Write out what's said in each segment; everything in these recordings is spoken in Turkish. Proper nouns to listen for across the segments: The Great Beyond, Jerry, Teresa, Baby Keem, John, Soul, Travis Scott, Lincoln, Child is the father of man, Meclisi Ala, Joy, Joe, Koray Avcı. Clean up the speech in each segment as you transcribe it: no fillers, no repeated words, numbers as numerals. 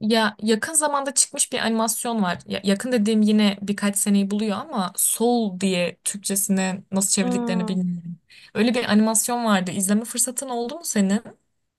Ya yakın zamanda çıkmış bir animasyon var. Ya, yakın dediğim yine birkaç seneyi buluyor ama Soul diye Türkçesine nasıl çevirdiklerini Hmm, bilmiyorum. Öyle bir animasyon vardı. İzleme fırsatın oldu mu senin?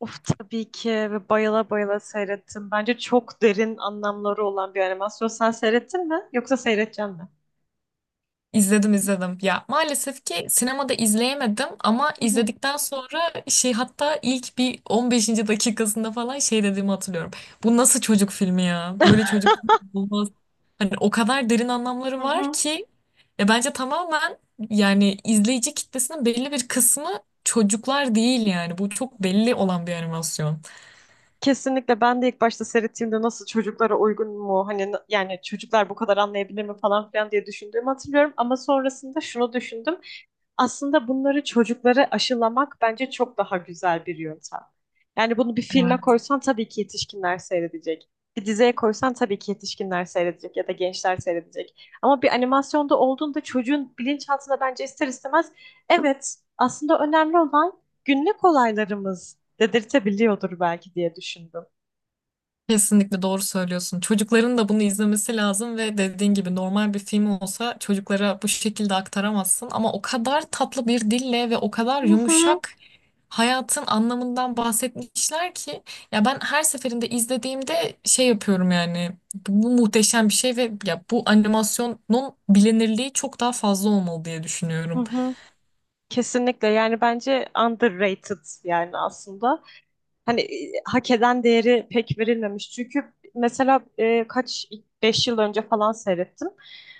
of tabii ki ve bayıla bayıla seyrettim. Bence çok derin anlamları olan bir animasyon. Sen seyrettin mi? Yoksa seyredeceksin mi? İzledim, izledim. Ya maalesef ki sinemada izleyemedim ama Hı hı. izledikten sonra şey, hatta ilk bir 15. dakikasında falan şey dediğimi hatırlıyorum. Bu nasıl çocuk filmi ya? Böyle çocuk filmi olmaz. Hani o kadar derin anlamları Hı var hı. ki ya, bence tamamen, yani izleyici kitlesinin belli bir kısmı çocuklar değil yani. Bu çok belli olan bir animasyon. Kesinlikle ben de ilk başta seyrettiğimde nasıl çocuklara uygun mu hani yani çocuklar bu kadar anlayabilir mi falan filan diye düşündüğümü hatırlıyorum ama sonrasında şunu düşündüm. Aslında bunları çocuklara aşılamak bence çok daha güzel bir yöntem. Yani bunu bir filme koysan tabii ki yetişkinler seyredecek. Bir diziye koysan tabii ki yetişkinler seyredecek ya da gençler seyredecek. Ama bir animasyonda olduğunda çocuğun bilinçaltında bence ister istemez evet aslında önemli olan günlük olaylarımız dedirtebiliyordur belki diye düşündüm. Kesinlikle doğru söylüyorsun. Çocukların da bunu izlemesi lazım ve dediğin gibi normal bir film olsa çocuklara bu şekilde aktaramazsın ama o kadar tatlı bir dille ve o kadar Hı hı. yumuşak hayatın anlamından bahsetmişler ki ya, ben her seferinde izlediğimde şey yapıyorum, yani bu muhteşem bir şey ve ya, bu animasyonun bilinirliği çok daha fazla olmalı diye Hı düşünüyorum. hı. Kesinlikle yani bence underrated yani aslında hani hak eden değeri pek verilmemiş çünkü mesela kaç 5 yıl önce falan seyrettim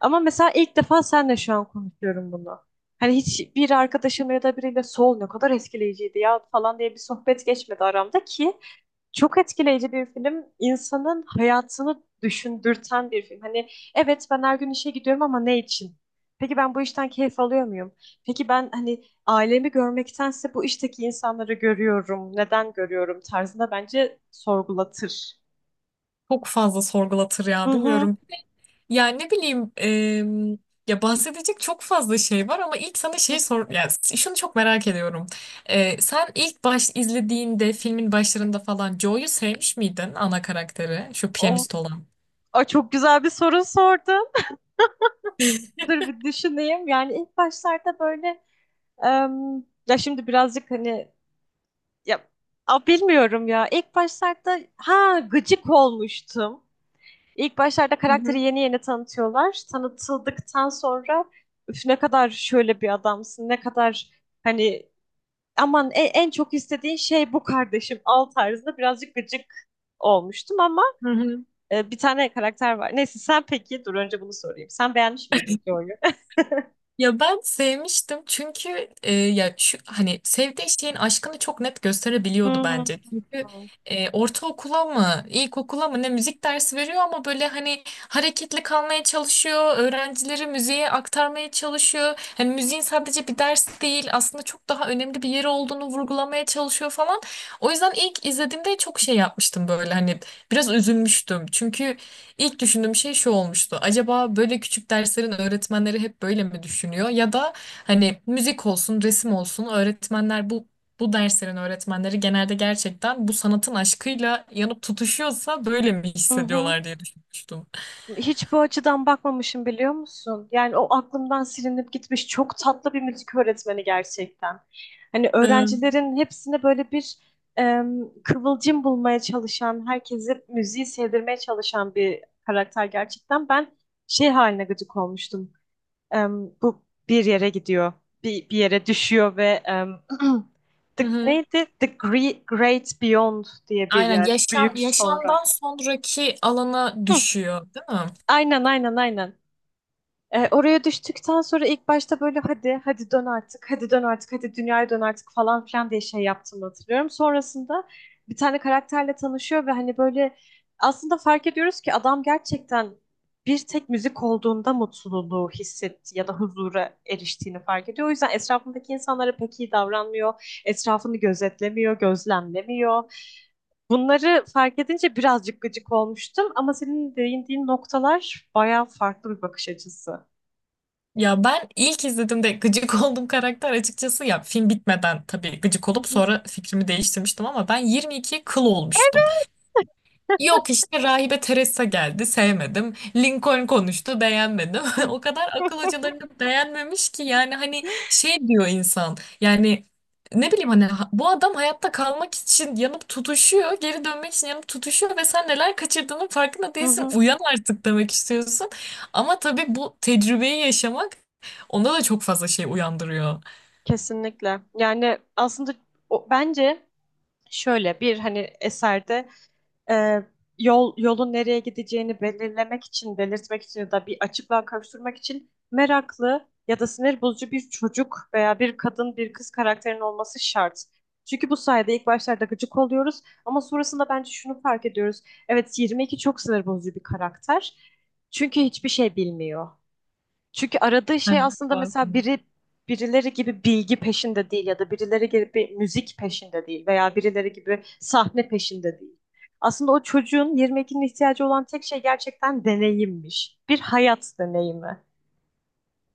ama mesela ilk defa senle şu an konuşuyorum bunu hani hiç bir arkadaşımla ya da biriyle sol ne kadar etkileyiciydi ya falan diye bir sohbet geçmedi aramda ki çok etkileyici bir film. İnsanın hayatını düşündürten bir film. Hani evet ben her gün işe gidiyorum ama ne için? Peki ben bu işten keyif alıyor muyum? Peki ben hani ailemi görmektense bu işteki insanları görüyorum. Neden görüyorum tarzında bence sorgulatır. Çok fazla sorgulatır Hı ya, hı. bilmiyorum. Yani ne bileyim ya, bahsedecek çok fazla şey var ama ilk sana şey sor, yani şunu çok merak ediyorum. E, sen ilk baş izlediğinde filmin başlarında falan Joe'yu sevmiş miydin, ana karakteri şu O, piyanist olan? o çok güzel bir soru sordun. Dur bir düşüneyim. Yani ilk başlarda böyle em, ya şimdi birazcık hani ya, bilmiyorum ya. İlk başlarda ha gıcık olmuştum. İlk başlarda Hı hı. karakteri yeni yeni tanıtıyorlar. Tanıtıldıktan sonra üf ne kadar şöyle bir adamsın, ne kadar hani aman en, çok istediğin şey bu kardeşim al tarzında birazcık gıcık olmuştum ama Hı hı. Bir tane karakter var. Neyse sen peki dur önce bunu sorayım. Sen beğenmiş miydin Joy'u? Ya ben sevmiştim çünkü ya şu hani sevdiği şeyin aşkını çok net gösterebiliyordu Hmm. bence. Çünkü ortaokula mı, ilkokula mı ne müzik dersi veriyor ama böyle hani hareketli kalmaya çalışıyor, öğrencileri müziğe aktarmaya çalışıyor. Hani müziğin sadece bir ders değil, aslında çok daha önemli bir yeri olduğunu vurgulamaya çalışıyor falan. O yüzden ilk izlediğimde çok şey yapmıştım, böyle hani biraz üzülmüştüm. Çünkü İlk düşündüğüm şey şu olmuştu. Acaba böyle küçük derslerin öğretmenleri hep böyle mi düşünüyor? Ya da hani müzik olsun, resim olsun öğretmenler bu derslerin öğretmenleri genelde gerçekten bu sanatın aşkıyla yanıp tutuşuyorsa böyle mi Hı hı. hissediyorlar diye düşünmüştüm. Hiç bu açıdan bakmamışım biliyor musun? Yani o aklımdan silinip gitmiş çok tatlı bir müzik öğretmeni gerçekten. Hani Ee, öğrencilerin hepsine böyle bir kıvılcım bulmaya çalışan, herkesi müziği sevdirmeye çalışan bir karakter gerçekten. Ben şey haline gıcık olmuştum. Bu bir yere gidiyor, bir yere düşüyor ve hı the, hı. neydi? The Great Beyond diye bir Aynen, yer. yaşam Büyük sonra. yaşamdan sonraki alana Hı, düşüyor, değil mi? aynen, aynen, aynen. Oraya düştükten sonra ilk başta böyle hadi hadi dön artık hadi dön artık hadi dünyaya dön artık falan filan diye şey yaptığımı hatırlıyorum. Sonrasında bir tane karakterle tanışıyor ve hani böyle aslında fark ediyoruz ki adam gerçekten bir tek müzik olduğunda mutluluğu hissetti ya da huzura eriştiğini fark ediyor. O yüzden etrafındaki insanlara pek iyi davranmıyor. Etrafını gözetlemiyor, gözlemlemiyor. Bunları fark edince birazcık gıcık olmuştum ama senin değindiğin noktalar bayağı farklı bir bakış açısı. Ya ben ilk izlediğimde gıcık olduğum karakter, açıkçası ya film bitmeden tabii gıcık Hı olup hı. sonra fikrimi değiştirmiştim, ama ben 22 kıl olmuştum. Yok işte rahibe Teresa geldi, sevmedim. Lincoln konuştu, beğenmedim. O kadar akıl hocalarını beğenmemiş ki yani hani şey diyor insan, yani ne bileyim hani bu adam hayatta kalmak için yanıp tutuşuyor, geri dönmek için yanıp tutuşuyor ve sen neler kaçırdığının farkında Hı değilsin, hı. uyan artık demek istiyorsun. Ama tabii bu tecrübeyi yaşamak onda da çok fazla şey uyandırıyor. Kesinlikle. Yani aslında o, bence şöyle bir hani eserde e, yolun nereye gideceğini belirlemek için, belirtmek için ya da bir açıklığa kavuşturmak için meraklı ya da sinir bozucu bir çocuk veya bir kadın, bir kız karakterin olması şart. Çünkü bu sayede ilk başlarda gıcık oluyoruz ama sonrasında bence şunu fark ediyoruz. Evet, 22 çok sinir bozucu bir karakter. Çünkü hiçbir şey bilmiyor. Çünkü aradığı şey Evet, aslında doğru. mesela birileri gibi bilgi peşinde değil ya da birileri gibi müzik peşinde değil veya birileri gibi sahne peşinde değil. Aslında o çocuğun 22'nin ihtiyacı olan tek şey gerçekten deneyimmiş. Bir hayat deneyimi.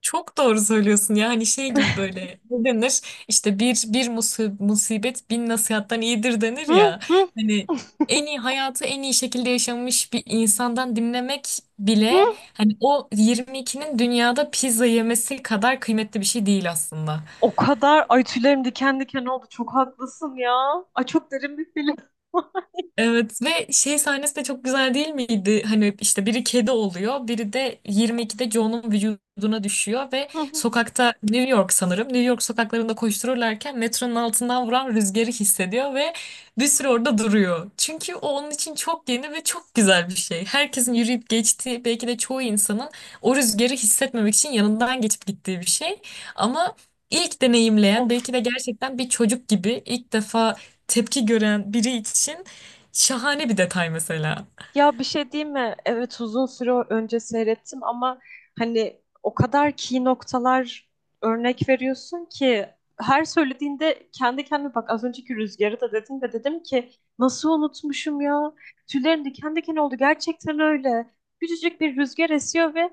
Çok doğru söylüyorsun ya, hani şey gibi, böyle ne denir, işte bir musibet bin nasihattan iyidir denir Hı ya, hı hani en iyi hayatı en iyi şekilde yaşamış bir insandan dinlemek bile hı. hani o 22'nin dünyada pizza yemesi kadar kıymetli bir şey değil aslında. O kadar ay tüylerim diken diken oldu. Çok haklısın ya. Ay çok derin bir film. Evet, ve şey sahnesi de çok güzel değil miydi? Hani işte biri kedi oluyor, biri de 22'de Joe'nun vücuduna düşüyor ve sokakta, New York sanırım. New York sokaklarında koştururlarken metronun altından vuran rüzgarı hissediyor ve bir süre orada duruyor. Çünkü o onun için çok yeni ve çok güzel bir şey. Herkesin yürüyüp geçtiği, belki de çoğu insanın o rüzgarı hissetmemek için yanından geçip gittiği bir şey. Ama ilk deneyimleyen, Of. belki de gerçekten bir çocuk gibi ilk defa tepki gören biri için şahane bir detay mesela. Ya bir şey diyeyim mi? Evet uzun süre önce seyrettim ama hani o kadar key noktalar örnek veriyorsun ki her söylediğinde kendi kendime bak az önceki rüzgarı da dedim ve dedim ki nasıl unutmuşum ya? Tüylerim diken diken oldu gerçekten öyle. Küçücük bir rüzgar esiyor ve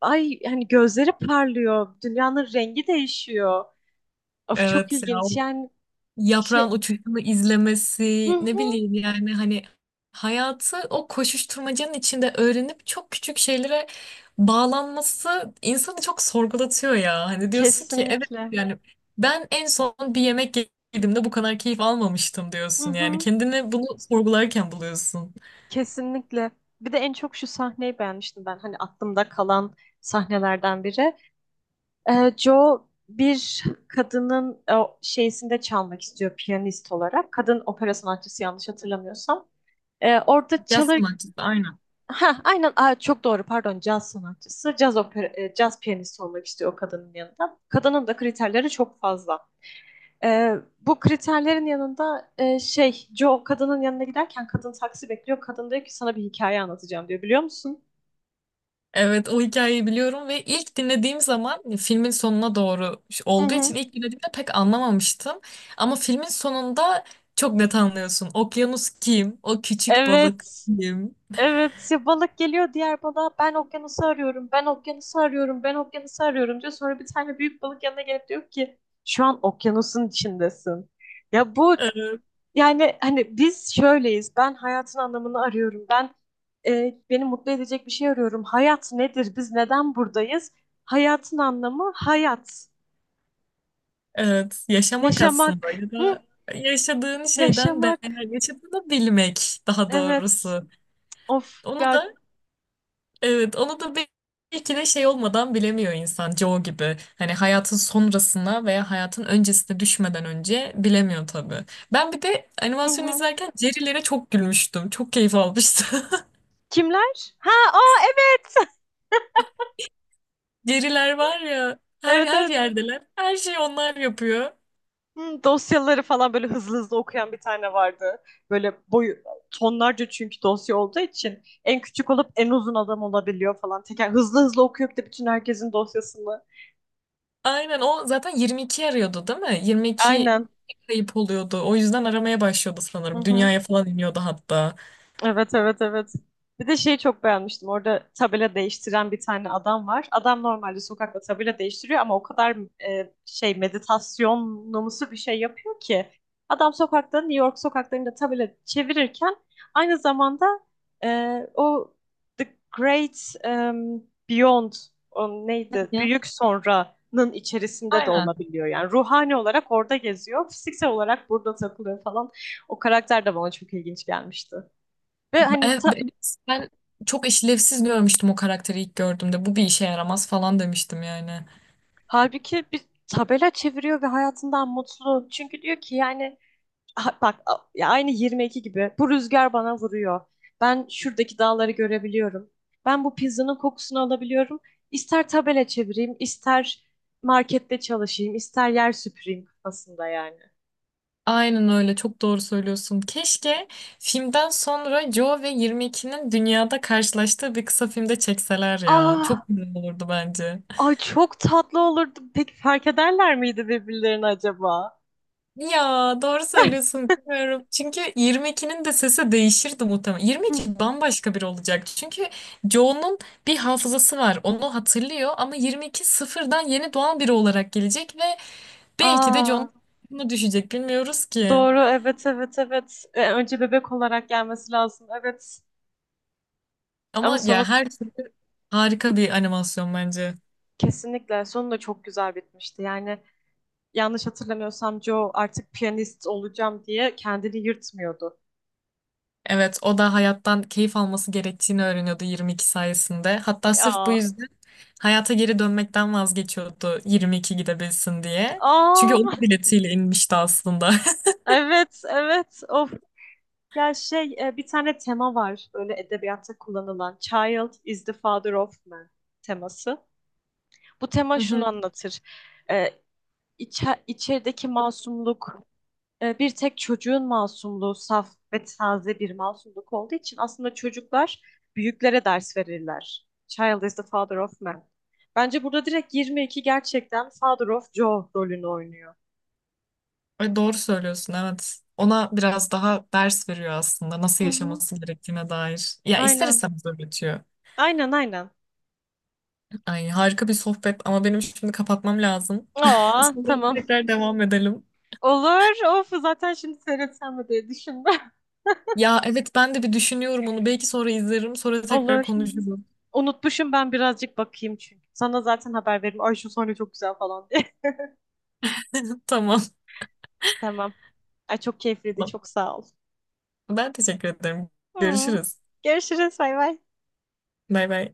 ay hani gözleri parlıyor. Dünyanın rengi değişiyor. Of çok Evet ya, o ilginç yani şey. yaprağın uçuşunu Hı izlemesi, ne hı, bileyim yani hani hayatı o koşuşturmacanın içinde öğrenip çok küçük şeylere bağlanması insanı çok sorgulatıyor ya. Hani diyorsun ki evet, kesinlikle. yani ben en son bir yemek yediğimde bu kadar keyif almamıştım Hı diyorsun, yani hı. kendini bunu sorgularken buluyorsun. Kesinlikle. Bir de en çok şu sahneyi beğenmiştim ben. Hani aklımda kalan sahnelerden biri. Joe bir kadının o şeysinde çalmak istiyor piyanist olarak. Kadın opera sanatçısı yanlış hatırlamıyorsam. Orada Yaz çalır... sanatçısı, aynen. Ha, aynen. Aa, çok doğru, pardon, caz sanatçısı. Caz, opera, caz piyanisti olmak istiyor o kadının yanında. Kadının da kriterleri çok fazla. Bu kriterlerin yanında şey, Joe kadının yanına giderken kadın taksi bekliyor. Kadın diyor ki sana bir hikaye anlatacağım diyor biliyor musun? Evet o hikayeyi biliyorum ve ilk dinlediğim zaman filmin sonuna doğru Hı olduğu hı. için ilk dinlediğimde pek anlamamıştım. Ama filmin sonunda çok net anlıyorsun. Okyanus kim? O küçük balık Evet. kim? Evet ya balık geliyor diğer balığa ben okyanusu arıyorum ben okyanusu arıyorum ben okyanusu arıyorum diyor. Sonra bir tane büyük balık yanına gelip diyor ki şu an okyanusun içindesin. Ya bu Evet, yani hani biz şöyleyiz ben hayatın anlamını arıyorum ben beni mutlu edecek bir şey arıyorum. Hayat nedir biz neden buradayız? Hayatın anlamı hayat evet. Yaşamak aslında, yaşamak. ya Hı, da yaşadığın şeyden yaşamak değer, yaşadığını bilmek daha evet doğrusu. of Onu ya. da, evet, onu da belki de şey olmadan bilemiyor insan, Joe gibi. Hani hayatın sonrasına veya hayatın öncesine düşmeden önce bilemiyor tabii. Ben bir de Hı animasyon hı. izlerken Jerry'lere çok gülmüştüm. Çok keyif almıştım. Kimler? Ha o evet. Jerry'ler var ya, her Evet her evet. yerdeler. Her şeyi onlar yapıyor. Hı, dosyaları falan böyle hızlı hızlı okuyan bir tane vardı. Böyle boyu tonlarca çünkü dosya olduğu için en küçük olup en uzun adam olabiliyor falan. Teker hızlı hızlı okuyup de bütün herkesin dosyasını. Aynen, o zaten 22 arıyordu değil mi? 22 Aynen. kayıp oluyordu. O yüzden aramaya başlıyordu Hı sanırım. hı. Dünyaya falan iniyordu hatta. Evet evet evet. Bir de şeyi çok beğenmiştim. Orada tabela değiştiren bir tane adam var. Adam normalde sokakta tabela değiştiriyor ama o kadar şey meditasyonumsu bir şey yapıyor ki. Adam sokakta New York sokaklarında tabela çevirirken aynı zamanda e, o The Great Beyond o neydi? Hı. Büyük sonranın içerisinde de Aynen. olabiliyor. Yani ruhani olarak orada geziyor. Fiziksel olarak burada takılıyor falan. O karakter de bana çok ilginç gelmişti. Ve hani Evet, ben çok işlevsiz görmüştüm o karakteri ilk gördüğümde. Bu bir işe yaramaz falan demiştim yani. halbuki bir tabela çeviriyor ve hayatından mutlu. Çünkü diyor ki yani bak ya aynı 22 gibi bu rüzgar bana vuruyor. Ben şuradaki dağları görebiliyorum. Ben bu pizzanın kokusunu alabiliyorum. İster tabela çevireyim, ister markette çalışayım, ister yer süpüreyim kafasında yani. Aynen öyle, çok doğru söylüyorsun. Keşke filmden sonra Joe ve 22'nin dünyada karşılaştığı bir kısa filmde çekseler ya. Ah, Çok güzel olurdu bence. ay çok tatlı olurdu. Peki fark ederler miydi birbirlerini acaba? Ya doğru söylüyorsun, bilmiyorum. Çünkü 22'nin de sesi değişirdi muhtemelen. Hı. 22 bambaşka biri olacak. Çünkü Joe'nun bir hafızası var. Onu hatırlıyor ama 22 sıfırdan yeni doğan biri olarak gelecek ve belki de Aa, John mu düşecek bilmiyoruz ki. doğru, evet, evet, evet. Önce bebek olarak gelmesi lazım, evet. Ama Ama ya, sonu her türlü harika bir animasyon bence. kesinlikle, sonu da çok güzel bitmişti. Yani yanlış hatırlamıyorsam Joe artık piyanist olacağım diye kendini yırtmıyordu. Evet, o da hayattan keyif alması gerektiğini öğreniyordu 22 sayesinde. Hatta sırf bu Aa, yüzden hayata geri dönmekten vazgeçiyordu 22 gidebilsin diye. Çünkü aa, onun biletiyle inmişti aslında. evet, evet. Of, ya şey, bir tane tema var böyle edebiyatta kullanılan. Child is the father of man teması. Bu tema Hı hı. şunu anlatır. E, içerideki masumluk bir tek çocuğun masumluğu saf ve taze bir masumluk olduğu için aslında çocuklar büyüklere ders verirler. Child is the father of man. Bence burada direkt 22 gerçekten father of Joe rolünü oynuyor. Ve doğru söylüyorsun, evet. Ona biraz daha ders veriyor aslında, nasıl Hı hı. yaşaması gerektiğine dair. Ya ister Aynen. istemez öğretiyor. Aynen aynen. Ay harika bir sohbet ama benim şimdi kapatmam lazım. Aa Sonra tamam. tekrar devam edelim. Olur. Of zaten şimdi seyretsem mi diye düşündüm. Ya evet, ben de bir düşünüyorum onu. Belki sonra izlerim. Sonra tekrar Olur. Hı hı. konuşuruz. Unutmuşum ben birazcık bakayım çünkü. Sana zaten haber veririm. Ay şu sahne çok güzel falan diye. Tamam. Tamam. Ay çok keyifliydi. Tamam. Çok sağ ol. Ben teşekkür ederim. Hı. Görüşürüz. Görüşürüz. Bay bay. Bay bay.